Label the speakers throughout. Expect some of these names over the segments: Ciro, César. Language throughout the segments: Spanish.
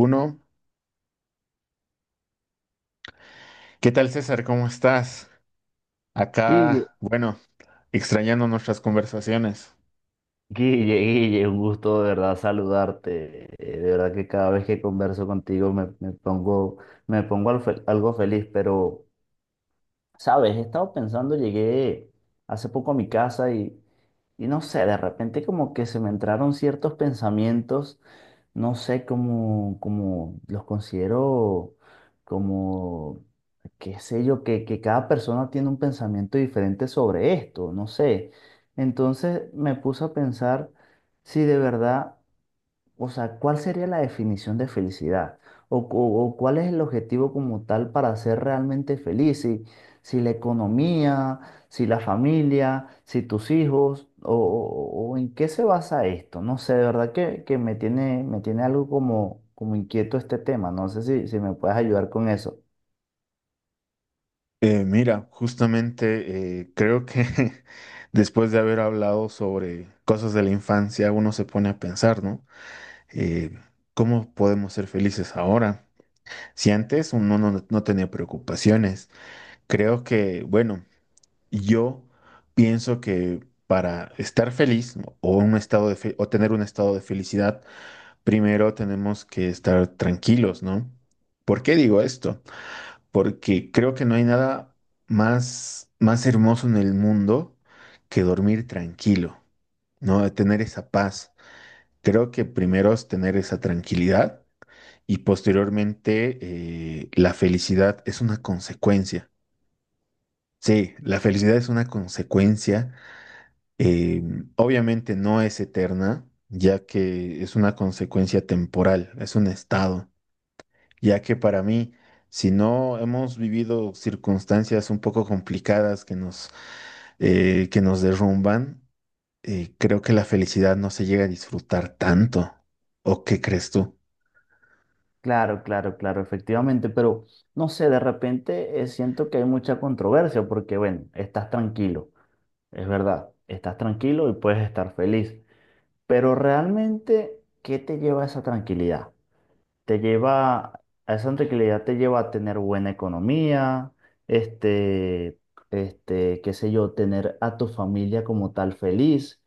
Speaker 1: Uno. ¿Qué tal, César? ¿Cómo estás?
Speaker 2: Guille,
Speaker 1: Acá, bueno, extrañando nuestras conversaciones.
Speaker 2: Guille, Guille, un gusto de verdad saludarte. De verdad que cada vez que converso contigo me pongo al algo feliz, pero, sabes, he estado pensando, llegué hace poco a mi casa y no sé, de repente como que se me entraron ciertos pensamientos no sé cómo, cómo los considero como, qué sé yo, que cada persona tiene un pensamiento diferente sobre esto, no sé. Entonces me puse a pensar si de verdad o sea, ¿cuál sería la definición de felicidad? ¿O, o cuál es el objetivo como tal para ser realmente feliz? Si, si la economía, si la familia, si tus hijos, o, ¿en qué se basa esto? No sé, de verdad que me tiene algo como, como inquieto este tema. No sé si, si me puedes ayudar con eso.
Speaker 1: Mira, justamente creo que después de haber hablado sobre cosas de la infancia, uno se pone a pensar, ¿no? Eh, ¿Cómo podemos ser felices ahora? Si antes uno no, no tenía preocupaciones, creo que, bueno, yo pienso que para estar feliz, ¿no? O un estado de o tener un estado de felicidad, primero tenemos que estar tranquilos, ¿no? ¿Por qué digo esto? Porque creo que no hay nada más hermoso en el mundo que dormir tranquilo, ¿no? De tener esa paz. Creo que primero es tener esa tranquilidad y posteriormente la felicidad es una consecuencia. Sí, la felicidad es una consecuencia. eh, Obviamente no es eterna, ya que es una consecuencia temporal, es un estado. Ya que para mí, si no hemos vivido circunstancias un poco complicadas que nos derrumban, creo que la felicidad no se llega a disfrutar tanto. ¿O qué crees tú?
Speaker 2: Claro, claro, claro, efectivamente, pero no sé, de repente siento que hay mucha controversia porque, bueno, estás tranquilo, es verdad, estás tranquilo y puedes estar feliz. Pero realmente, ¿qué te lleva a esa tranquilidad? Te lleva, a esa tranquilidad te lleva a tener buena economía, este, qué sé yo, tener a tu familia como tal feliz,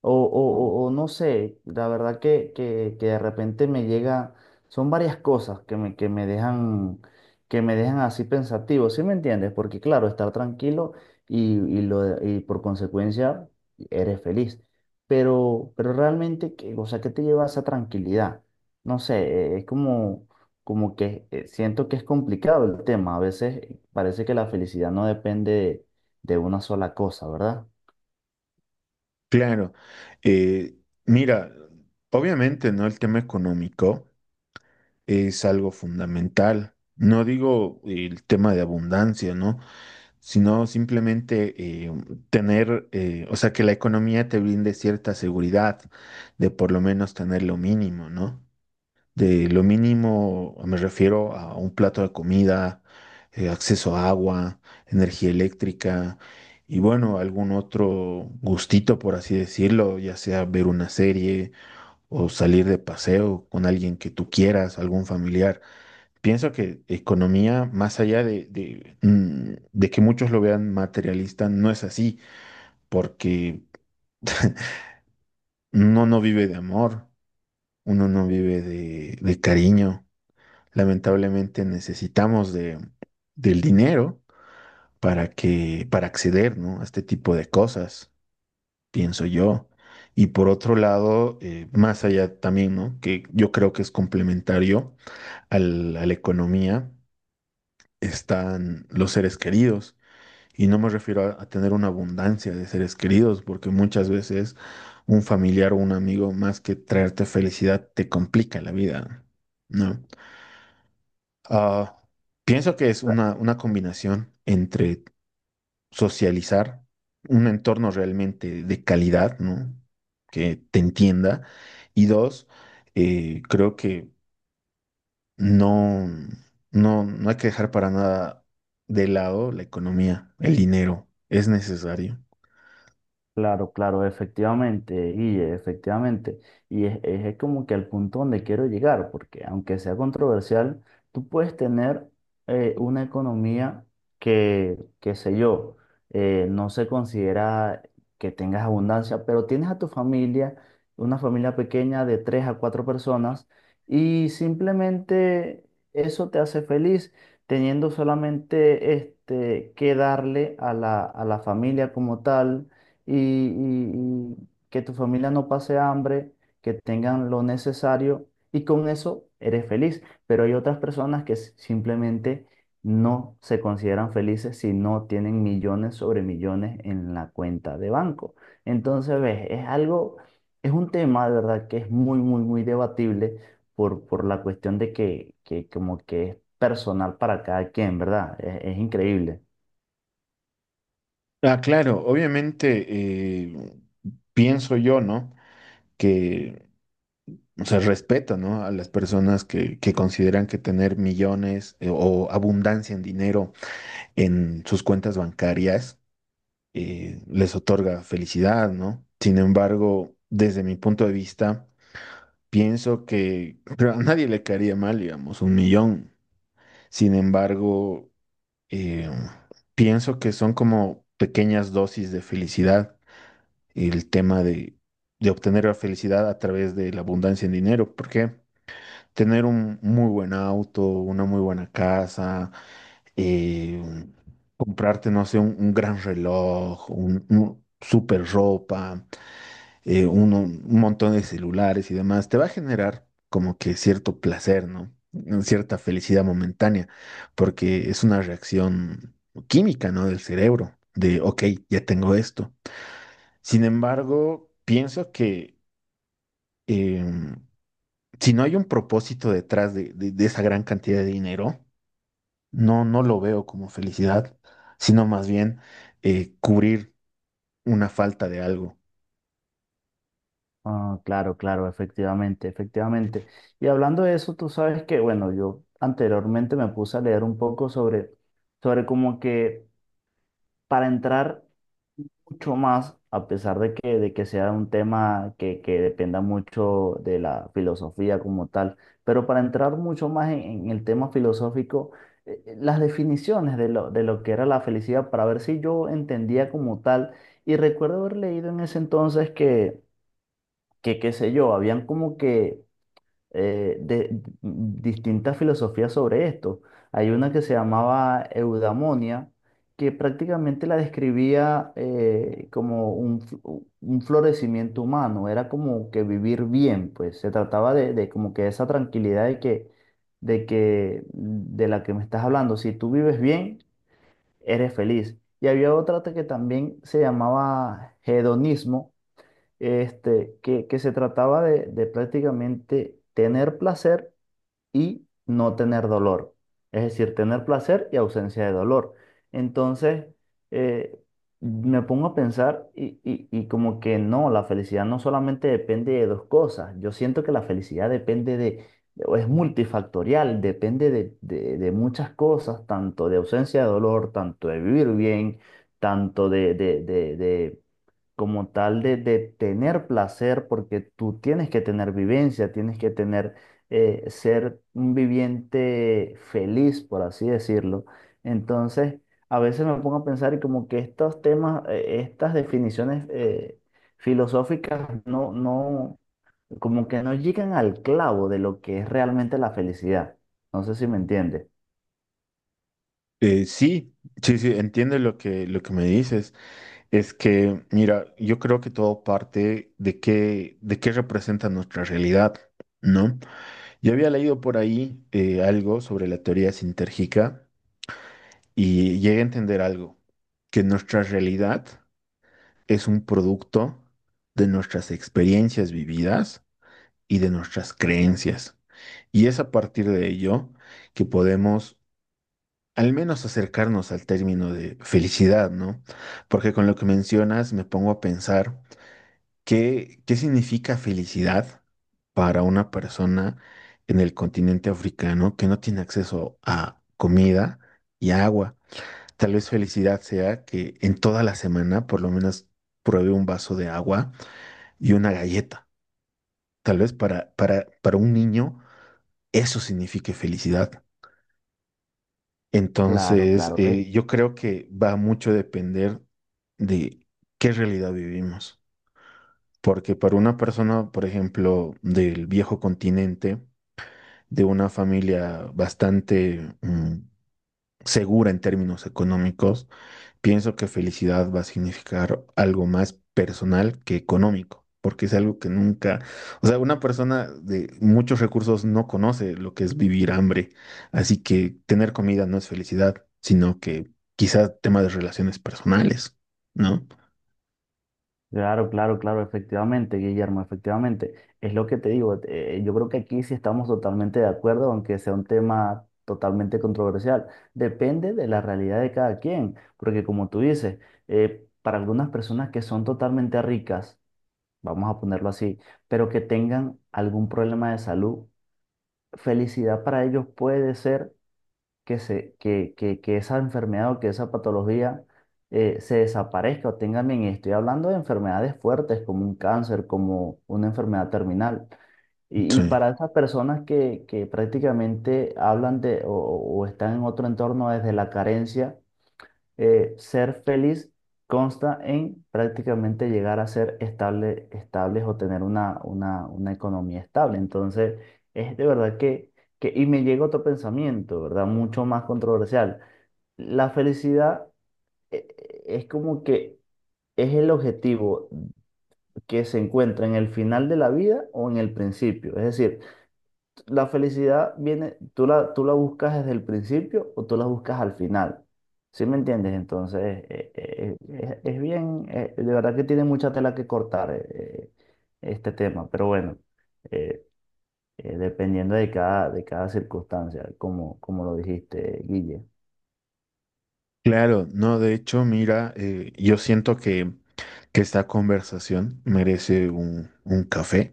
Speaker 2: o, o no sé, la verdad que, que de repente me llega, son varias cosas que me dejan así pensativo, ¿sí me entiendes? Porque claro, estar tranquilo y, y por consecuencia eres feliz. Pero realmente, o sea, ¿qué te lleva a esa tranquilidad? No sé, es como, como que siento que es complicado el tema. A veces parece que la felicidad no depende de una sola cosa, ¿verdad?
Speaker 1: Claro, eh, mira, obviamente, ¿no? El tema económico es algo fundamental. No digo el tema de abundancia, ¿no? Sino simplemente eh, tener, o sea, que la economía te brinde cierta seguridad de por lo menos tener lo mínimo, ¿no? De lo mínimo me refiero a un plato de comida, acceso a agua, energía eléctrica y bueno, algún otro gustito, por así decirlo, ya sea ver una serie o salir de paseo con alguien que tú quieras, algún familiar. Pienso que economía, más allá de que muchos lo vean materialista, no es así, porque uno no vive de amor, uno no vive de cariño. Lamentablemente necesitamos del dinero para que, para acceder, ¿no? A este tipo de cosas, pienso yo. Y por otro lado, más allá también, ¿no? Que yo creo que es complementario a la economía, están los seres queridos. Y no me refiero a tener una abundancia de seres queridos, porque muchas veces un familiar o un amigo, más que traerte felicidad, te complica la vida, ¿no? Ah, Pienso que es una combinación entre socializar, un entorno realmente de calidad, ¿no? Que te entienda. Y dos, creo que no, no hay que dejar para nada de lado la economía, el dinero, es necesario.
Speaker 2: Claro, claro, efectivamente, y efectivamente. Y es, es como que al punto donde quiero llegar, porque aunque sea controversial, tú puedes tener una economía que, qué sé yo, no se considera que tengas abundancia, pero tienes a tu familia, una familia pequeña de tres a cuatro personas, y simplemente eso te hace feliz, teniendo solamente este, que darle a la familia como tal y, y que tu familia no pase hambre, que tengan lo necesario y con eso eres feliz. Pero hay otras personas que simplemente no se consideran felices si no tienen millones sobre millones en la cuenta de banco. Entonces, ves, es algo, es un tema de verdad que es muy, muy, muy debatible por la cuestión de que como que es personal para cada quien, ¿verdad? Es increíble.
Speaker 1: Claro, obviamente eh, pienso yo, ¿no? Que, o sea, respeto, ¿no? A las personas que consideran que tener millones o abundancia en dinero en sus cuentas bancarias les otorga felicidad, ¿no? Sin embargo, desde mi punto de vista, pienso que pero a nadie le caería mal, digamos, un millón. Sin embargo, eh, pienso que son como pequeñas dosis de felicidad el tema de obtener la felicidad a través de la abundancia en dinero, porque tener un muy buen auto, una muy buena casa, eh, comprarte, no sé, un gran reloj, un super ropa, un montón de celulares y demás, te va a generar como que cierto placer, ¿no? Una cierta felicidad momentánea, porque es una reacción química, ¿no? Del cerebro, de, ok, ya tengo esto. Sin embargo, pienso que em, si no hay un propósito detrás de esa gran cantidad de dinero, no lo veo como felicidad, sino más bien cubrir una falta de algo.
Speaker 2: Ah, claro, claro, efectivamente, efectivamente. Y hablando de eso, tú sabes que, bueno, yo anteriormente me puse a leer un poco sobre, sobre como que para entrar mucho más, a pesar de que sea un tema que dependa mucho de la filosofía como tal, pero para entrar mucho más en el tema filosófico, las definiciones de lo que era la felicidad, para ver si yo entendía como tal. Y recuerdo haber leído en ese entonces que qué sé yo, habían como que distintas filosofías sobre esto. Hay una que se llamaba eudaimonia, que prácticamente la describía como un, un florecimiento humano, era como que vivir bien, pues se trataba de como que esa tranquilidad de que, de que, de la que me estás hablando, si tú vives bien, eres feliz. Y había otra que también se llamaba hedonismo, este, que se trataba de prácticamente tener placer, y no tener dolor. Es decir, tener placer y ausencia de dolor. Entonces, eh, me pongo a pensar y, y como que no, la felicidad no solamente depende de dos cosas. Yo siento que la felicidad depende de, o es multifactorial, depende de, de muchas cosas, tanto de ausencia de dolor, tanto de vivir bien, tanto de, como tal de tener placer, porque tú tienes que tener vivencia, tienes que tener ser un viviente feliz, por así decirlo. Entonces, a veces me pongo a pensar y como que estos temas, estas definiciones filosóficas no, no, como que no llegan al clavo de lo que es realmente la felicidad. No sé si me entiendes.
Speaker 1: Sí, sí, entiendo lo que me dices. Es que, mira, yo creo que todo parte de qué representa nuestra realidad, ¿no? Yo había leído por ahí algo sobre la teoría sintérgica y llegue a entender algo, que nuestra realidad es un producto de nuestras experiencias vividas y de nuestras creencias. Y es a partir de ello que podemos al menos acercarnos al término de felicidad, ¿no? Porque con lo que mencionas me pongo a pensar qué, qué significa felicidad para una persona en el continente africano que no tiene acceso a comida y agua. Tal vez felicidad sea que en toda la semana por lo menos pruebe un vaso de agua y una galleta. Tal vez para un niño eso signifique felicidad.
Speaker 2: Claro,
Speaker 1: Entonces,
Speaker 2: claro.
Speaker 1: yo creo que va mucho a depender de qué realidad vivimos. Porque para una persona, por ejemplo, del viejo continente, de una familia bastante segura en términos económicos, pienso que felicidad va a significar algo más personal que económico, porque es algo que nunca, o sea, una persona de muchos recursos no conoce lo que es vivir hambre, así que tener comida no es felicidad, sino que quizás tema de relaciones personales, ¿no?
Speaker 2: Claro, claro, claro, efectivamente, Guillermo, efectivamente. Es lo que te digo, yo creo que aquí sí estamos totalmente de acuerdo, aunque sea un tema totalmente controversial. Depende de la realidad de cada quien, porque como tú dices, para algunas personas que son totalmente ricas, vamos a ponerlo así, pero que tengan algún problema de salud, felicidad para ellos puede ser que, se, que, que esa enfermedad o que esa patología se desaparezca o tenga bien. Y estoy hablando de enfermedades fuertes como un cáncer, como una enfermedad terminal. Y
Speaker 1: Sí.
Speaker 2: para esas personas que prácticamente hablan de o están en otro entorno desde la carencia, ser feliz consta en prácticamente llegar a ser estable, estables o tener una economía estable. Entonces, es de verdad que, y me llega otro pensamiento, ¿verdad? Mucho más controversial. La felicidad es como que es el objetivo que se encuentra en el final de la vida o en el principio. Es decir, la felicidad viene, tú la buscas desde el principio o tú la buscas al final. ¿Sí me entiendes? Entonces, es bien, de verdad que tiene mucha tela que cortar este tema, pero bueno, eh, dependiendo de cada circunstancia, como, como lo dijiste, Guille.
Speaker 1: Claro, no, de hecho, mira, yo siento que esta conversación merece un café.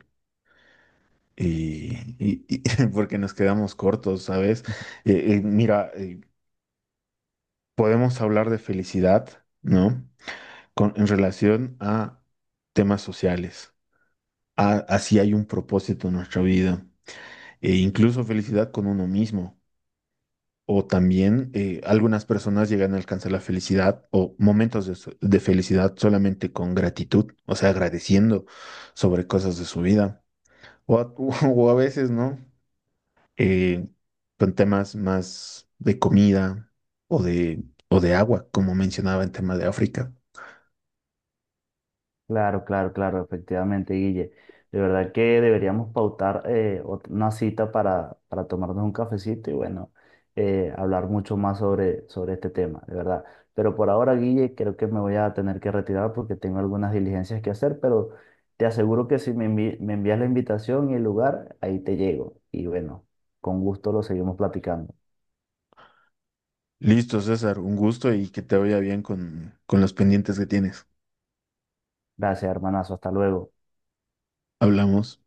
Speaker 1: Y, y porque nos quedamos cortos, ¿sabes? Mira, podemos hablar de felicidad, ¿no? Con, en relación a temas sociales, a si hay un propósito en nuestra vida, e incluso felicidad con uno mismo. O también algunas personas llegan a alcanzar la felicidad o momentos de, de felicidad solamente con gratitud, o sea, agradeciendo sobre cosas de su vida. O a, o a veces, ¿no? Eh, con temas más de comida o de, o de agua, como mencionaba en tema de África.
Speaker 2: Claro, claro, claro, efectivamente, Guille. De verdad que deberíamos pautar una cita para tomarnos un cafecito y bueno, hablar mucho más sobre, sobre este tema, de verdad. Pero por ahora, Guille, creo que me voy a tener que retirar porque tengo algunas diligencias que hacer, pero te aseguro que si me envías la invitación y el lugar, ahí te llego. Y bueno, con gusto lo seguimos platicando.
Speaker 1: Listo, César, un gusto y que te vaya bien con los pendientes que tienes.
Speaker 2: Gracias, hermanazo, hasta luego.
Speaker 1: Hablamos.